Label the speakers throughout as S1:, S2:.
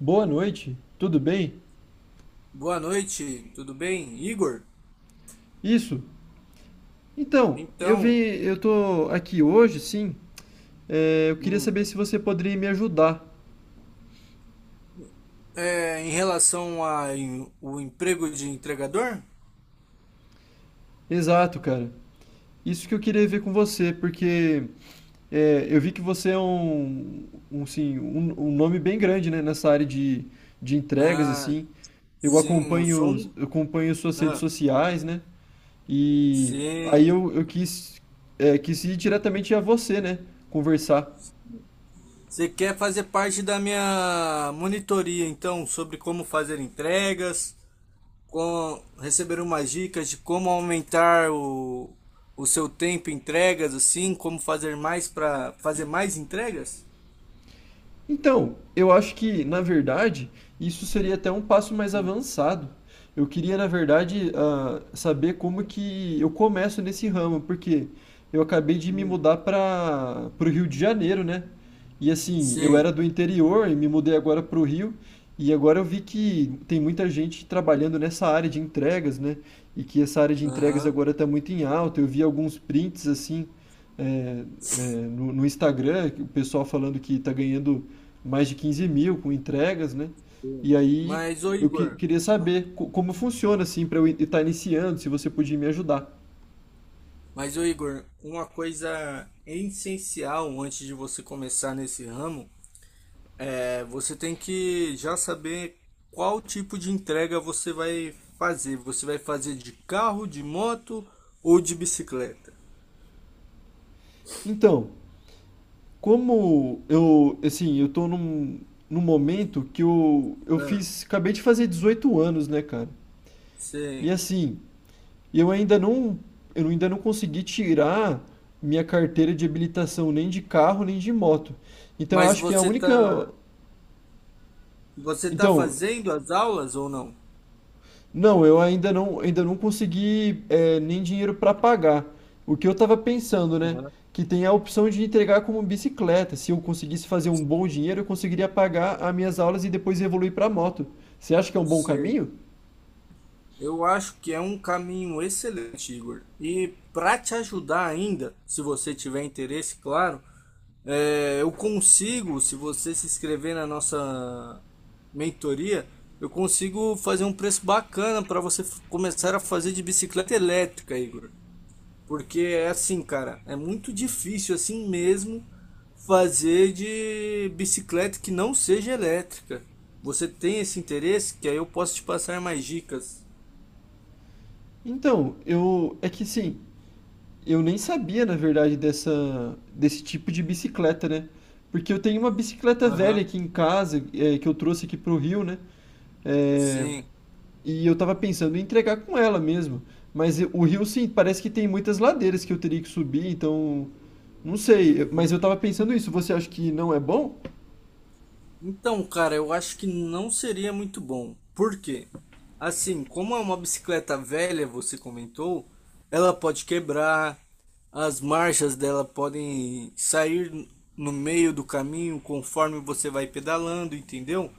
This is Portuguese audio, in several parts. S1: Boa noite, tudo bem?
S2: Boa noite, tudo bem, Igor?
S1: Isso. Então,
S2: Então,
S1: eu tô aqui hoje, sim. Eu queria
S2: hum,
S1: saber se você poderia me ajudar.
S2: em relação ao o emprego de entregador,
S1: Exato, cara. Isso que eu queria ver com você, porque eu vi que você é sim, um nome bem grande, né, nessa área de entregas,
S2: ah,
S1: assim.
S2: sim, eu sou um.
S1: Eu acompanho suas redes
S2: Ah,
S1: sociais, né? E aí
S2: sim,
S1: eu quis ir diretamente a você, né? Conversar.
S2: você quer fazer parte da minha monitoria, então, sobre como fazer entregas, receber umas dicas de como aumentar o seu tempo em entregas, assim, como fazer mais para fazer mais entregas?
S1: Então, eu acho que, na verdade, isso seria até um passo mais avançado. Eu queria, na verdade, saber como que eu começo nesse ramo, porque eu acabei de me
S2: Hum,
S1: mudar para o Rio de Janeiro, né? E assim, eu
S2: sei.
S1: era do interior e me mudei agora para o Rio, e agora eu vi que tem muita gente trabalhando nessa área de entregas, né? E que essa área de entregas agora está muito em alta. Eu vi alguns prints assim, é, no Instagram, que o pessoal falando que está ganhando mais de 15 mil com entregas, né?
S2: Sim.
S1: E aí
S2: Mas, ô
S1: eu
S2: Igor,
S1: queria
S2: n-
S1: saber como funciona assim para eu estar iniciando, se você podia me ajudar.
S2: mas, ô Igor, uma coisa essencial antes de você começar nesse ramo é você tem que já saber qual tipo de entrega você vai fazer. Você vai fazer de carro, de moto ou de bicicleta?
S1: Então, como eu, assim, eu tô num, momento que eu, eu
S2: Ah,
S1: fiz, acabei de fazer 18 anos, né, cara? E
S2: sim.
S1: assim, eu ainda não, eu ainda não consegui tirar minha carteira de habilitação nem de carro, nem de moto. Então, eu
S2: Mas
S1: acho que a
S2: você
S1: única,
S2: tá, você tá
S1: então.
S2: fazendo as aulas ou não?
S1: Não, eu ainda não consegui, nem dinheiro para pagar. O que eu estava pensando, né? Que tem a opção de entregar como bicicleta. Se eu conseguisse fazer um bom dinheiro, eu conseguiria pagar as minhas aulas e depois evoluir para moto. Você acha que é um bom
S2: Sim.
S1: caminho?
S2: Eu acho que é um caminho excelente, Igor. E para te ajudar ainda, se você tiver interesse, claro, eu consigo, se você se inscrever na nossa mentoria, eu consigo fazer um preço bacana para você começar a fazer de bicicleta elétrica, Igor. Porque é assim, cara, é muito difícil assim mesmo fazer de bicicleta que não seja elétrica. Você tem esse interesse? Que aí eu posso te passar mais dicas.
S1: Então, eu é que sim, eu nem sabia, na verdade, dessa desse tipo de bicicleta, né? Porque eu tenho uma bicicleta velha aqui em casa, que eu trouxe aqui pro Rio, né? É,
S2: Sim.
S1: E eu tava pensando em entregar com ela mesmo. Mas o Rio, sim, parece que tem muitas ladeiras que eu teria que subir, então. Não sei, mas eu
S2: Uhum.
S1: tava pensando isso. Você acha que não é bom?
S2: Então, cara, eu acho que não seria muito bom. Por quê? Assim, como é uma bicicleta velha, você comentou, ela pode quebrar, as marchas dela podem sair no meio do caminho conforme você vai pedalando, entendeu?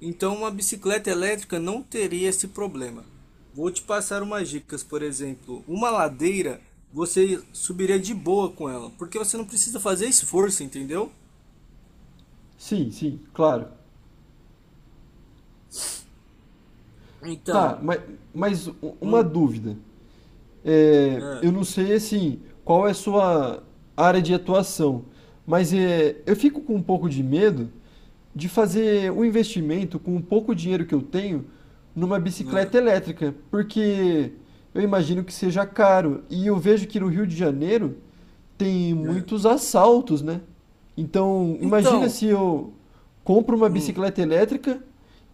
S2: Então, uma bicicleta elétrica não teria esse problema. Vou te passar umas dicas, por exemplo, uma ladeira você subiria de boa com ela, porque você não precisa fazer esforço, entendeu?
S1: Sim, sim, claro.
S2: Então,
S1: Tá, mas, mas u- uma
S2: hum,
S1: dúvida.
S2: é,
S1: Eu não sei assim qual é a sua área de atuação, mas eu fico com um pouco de medo de fazer um investimento com o pouco dinheiro que eu tenho numa bicicleta
S2: é,
S1: elétrica, porque eu imagino que seja caro e eu vejo que no Rio de Janeiro tem
S2: é.
S1: muitos assaltos, né? Então, imagina se
S2: Então,
S1: eu compro uma
S2: hum,
S1: bicicleta elétrica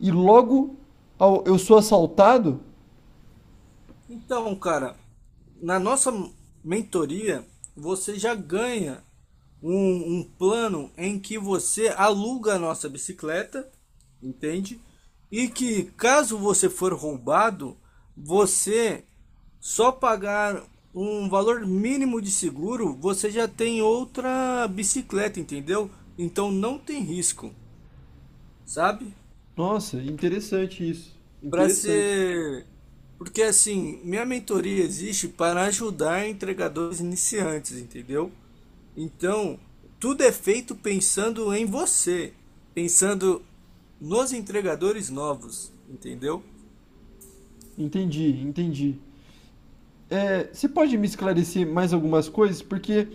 S1: e logo eu sou assaltado.
S2: então, cara, na nossa mentoria, você já ganha um plano em que você aluga a nossa bicicleta, entende? E que caso você for roubado, você só pagar um valor mínimo de seguro, você já tem outra bicicleta, entendeu? Então não tem risco, sabe?
S1: Nossa, interessante isso.
S2: Para
S1: Interessante.
S2: ser. Porque assim, minha mentoria existe para ajudar entregadores iniciantes, entendeu? Então, tudo é feito pensando em você, pensando nos entregadores novos, entendeu?
S1: Entendi, entendi. Você pode me esclarecer mais algumas coisas? Porque,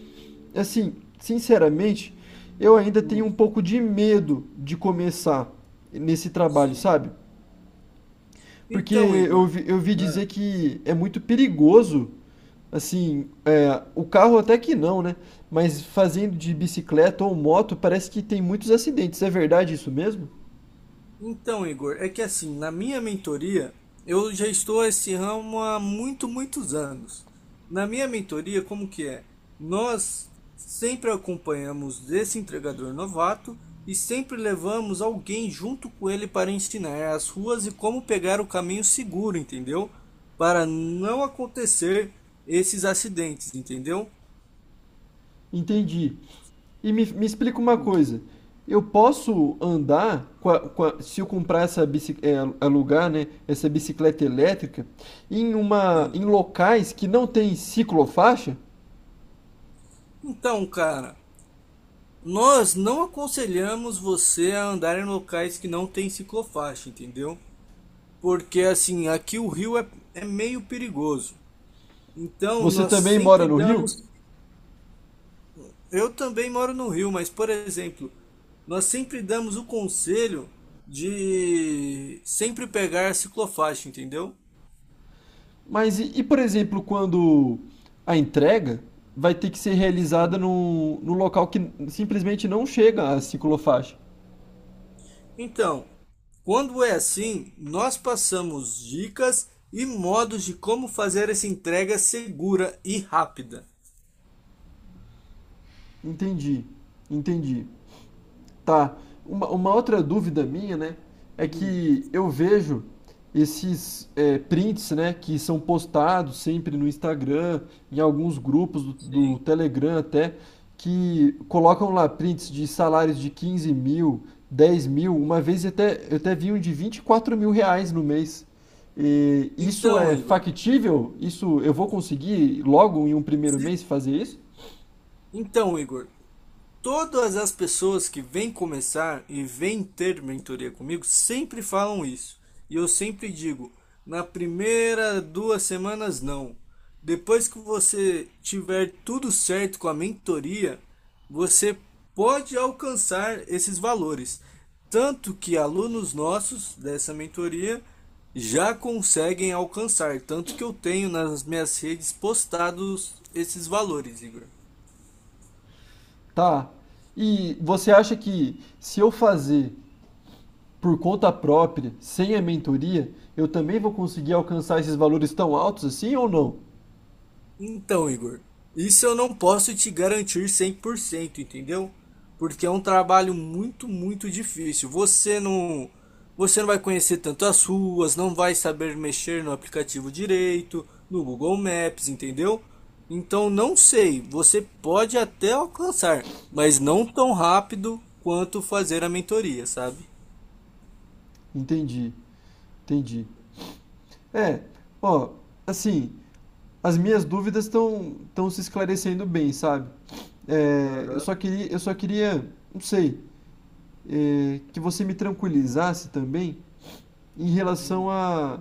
S1: assim, sinceramente, eu ainda tenho um
S2: Hum,
S1: pouco de medo de começar nesse trabalho,
S2: sim.
S1: sabe? Porque
S2: Então, Igor,
S1: eu vi
S2: né?
S1: dizer que é muito perigoso, assim, o carro até que não, né? Mas fazendo de bicicleta ou moto, parece que tem muitos acidentes. É verdade isso mesmo?
S2: Então, Igor, é que assim, na minha mentoria, eu já estou esse ramo há muito, muitos anos. Na minha mentoria, como que é? Nós sempre acompanhamos esse entregador novato e sempre levamos alguém junto com ele para ensinar as ruas e como pegar o caminho seguro, entendeu? Para não acontecer esses acidentes, entendeu?
S1: Entendi. E me explica uma coisa. Eu posso andar se eu comprar essa bicicleta, alugar, né, essa bicicleta elétrica em uma
S2: Sim.
S1: em locais que não tem ciclofaixa?
S2: Então, cara, nós não aconselhamos você a andar em locais que não tem ciclofaixa, entendeu? Porque assim, aqui o Rio é meio perigoso. Então,
S1: Você
S2: nós
S1: também mora
S2: sempre
S1: no
S2: damos.
S1: Rio?
S2: Eu também moro no Rio, mas, por exemplo, nós sempre damos o conselho de sempre pegar a ciclofaixa, entendeu?
S1: Mas e, por exemplo, quando a entrega vai ter que ser realizada
S2: Sim.
S1: no, local que simplesmente não chega a ciclofaixa?
S2: Então, quando é assim, nós passamos dicas e modos de como fazer essa entrega segura e rápida.
S1: Entendi. Entendi. Tá. Uma outra dúvida minha, né, é que eu vejo esses prints, né, que são postados sempre no Instagram, em alguns grupos do
S2: Sim.
S1: Telegram até, que colocam lá prints de salários de 15 mil, 10 mil, uma vez até, eu até vi um de 24 mil reais no mês. E isso
S2: Então,
S1: é
S2: Igor.
S1: factível? Isso eu vou conseguir logo em um primeiro mês fazer isso?
S2: Então, Igor, todas as pessoas que vêm começar e vêm ter mentoria comigo sempre falam isso. E eu sempre digo, na primeira 2 semanas não. Depois que você tiver tudo certo com a mentoria, você pode alcançar esses valores. Tanto que alunos nossos dessa mentoria já conseguem alcançar. Tanto que eu tenho nas minhas redes postados esses valores, Igor.
S1: Tá. E você acha que se eu fazer por conta própria, sem a mentoria, eu também vou conseguir alcançar esses valores tão altos assim ou não?
S2: Então, Igor, isso eu não posso te garantir 100%, entendeu? Porque é um trabalho muito, muito difícil. Você não vai conhecer tanto as ruas, não vai saber mexer no aplicativo direito, no Google Maps, entendeu? Então, não sei, você pode até alcançar, mas não tão rápido quanto fazer a mentoria, sabe?
S1: Entendi, entendi. É, ó, assim, as minhas dúvidas estão se esclarecendo bem, sabe? Eu
S2: Aham.
S1: só queria, não sei, que você me tranquilizasse também em relação
S2: Hum.
S1: a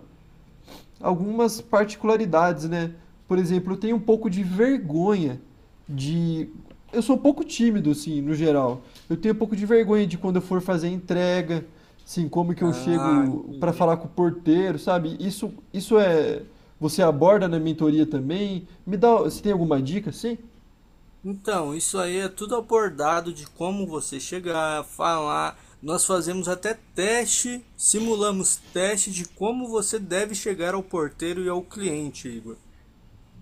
S1: algumas particularidades, né? Por exemplo, eu tenho um pouco de vergonha de. Eu sou um pouco tímido, assim, no geral. Eu tenho um pouco de vergonha de quando eu for fazer entrega, assim, como que eu
S2: Ah,
S1: chego para
S2: entendi.
S1: falar com o porteiro, sabe? Isso é. Você aborda na mentoria também? Me dá. Você tem alguma dica, assim?
S2: Então, isso aí é tudo abordado de como você chegar, falar. Nós fazemos até teste, simulamos teste de como você deve chegar ao porteiro e ao cliente, Igor.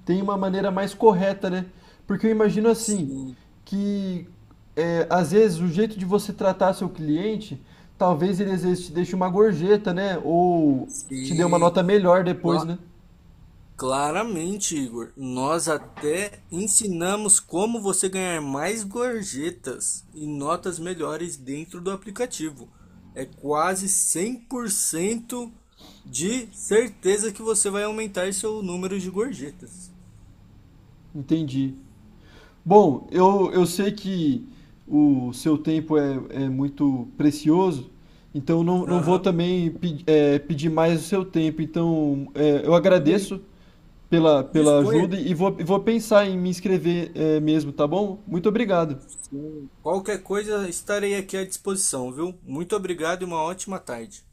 S1: Tem uma maneira mais correta, né? Porque eu imagino assim,
S2: Sim,
S1: que às vezes o jeito de você tratar seu cliente, talvez ele às vezes te deixe uma gorjeta, né? Ou te dê uma
S2: sim.
S1: nota melhor depois, né?
S2: Claramente, Igor. Nós até ensinamos como você ganhar mais gorjetas e notas melhores dentro do aplicativo. É quase 100% de certeza que você vai aumentar seu número de gorjetas.
S1: Entendi. Bom, eu sei que o seu tempo é muito precioso, então não vou
S2: Aham,
S1: também pedir mais o seu tempo. Então, eu
S2: tudo bem.
S1: agradeço pela
S2: Disponha.
S1: ajuda e vou pensar em me inscrever, mesmo, tá bom? Muito obrigado.
S2: Sim. Qualquer coisa, estarei aqui à disposição, viu? Muito obrigado e uma ótima tarde.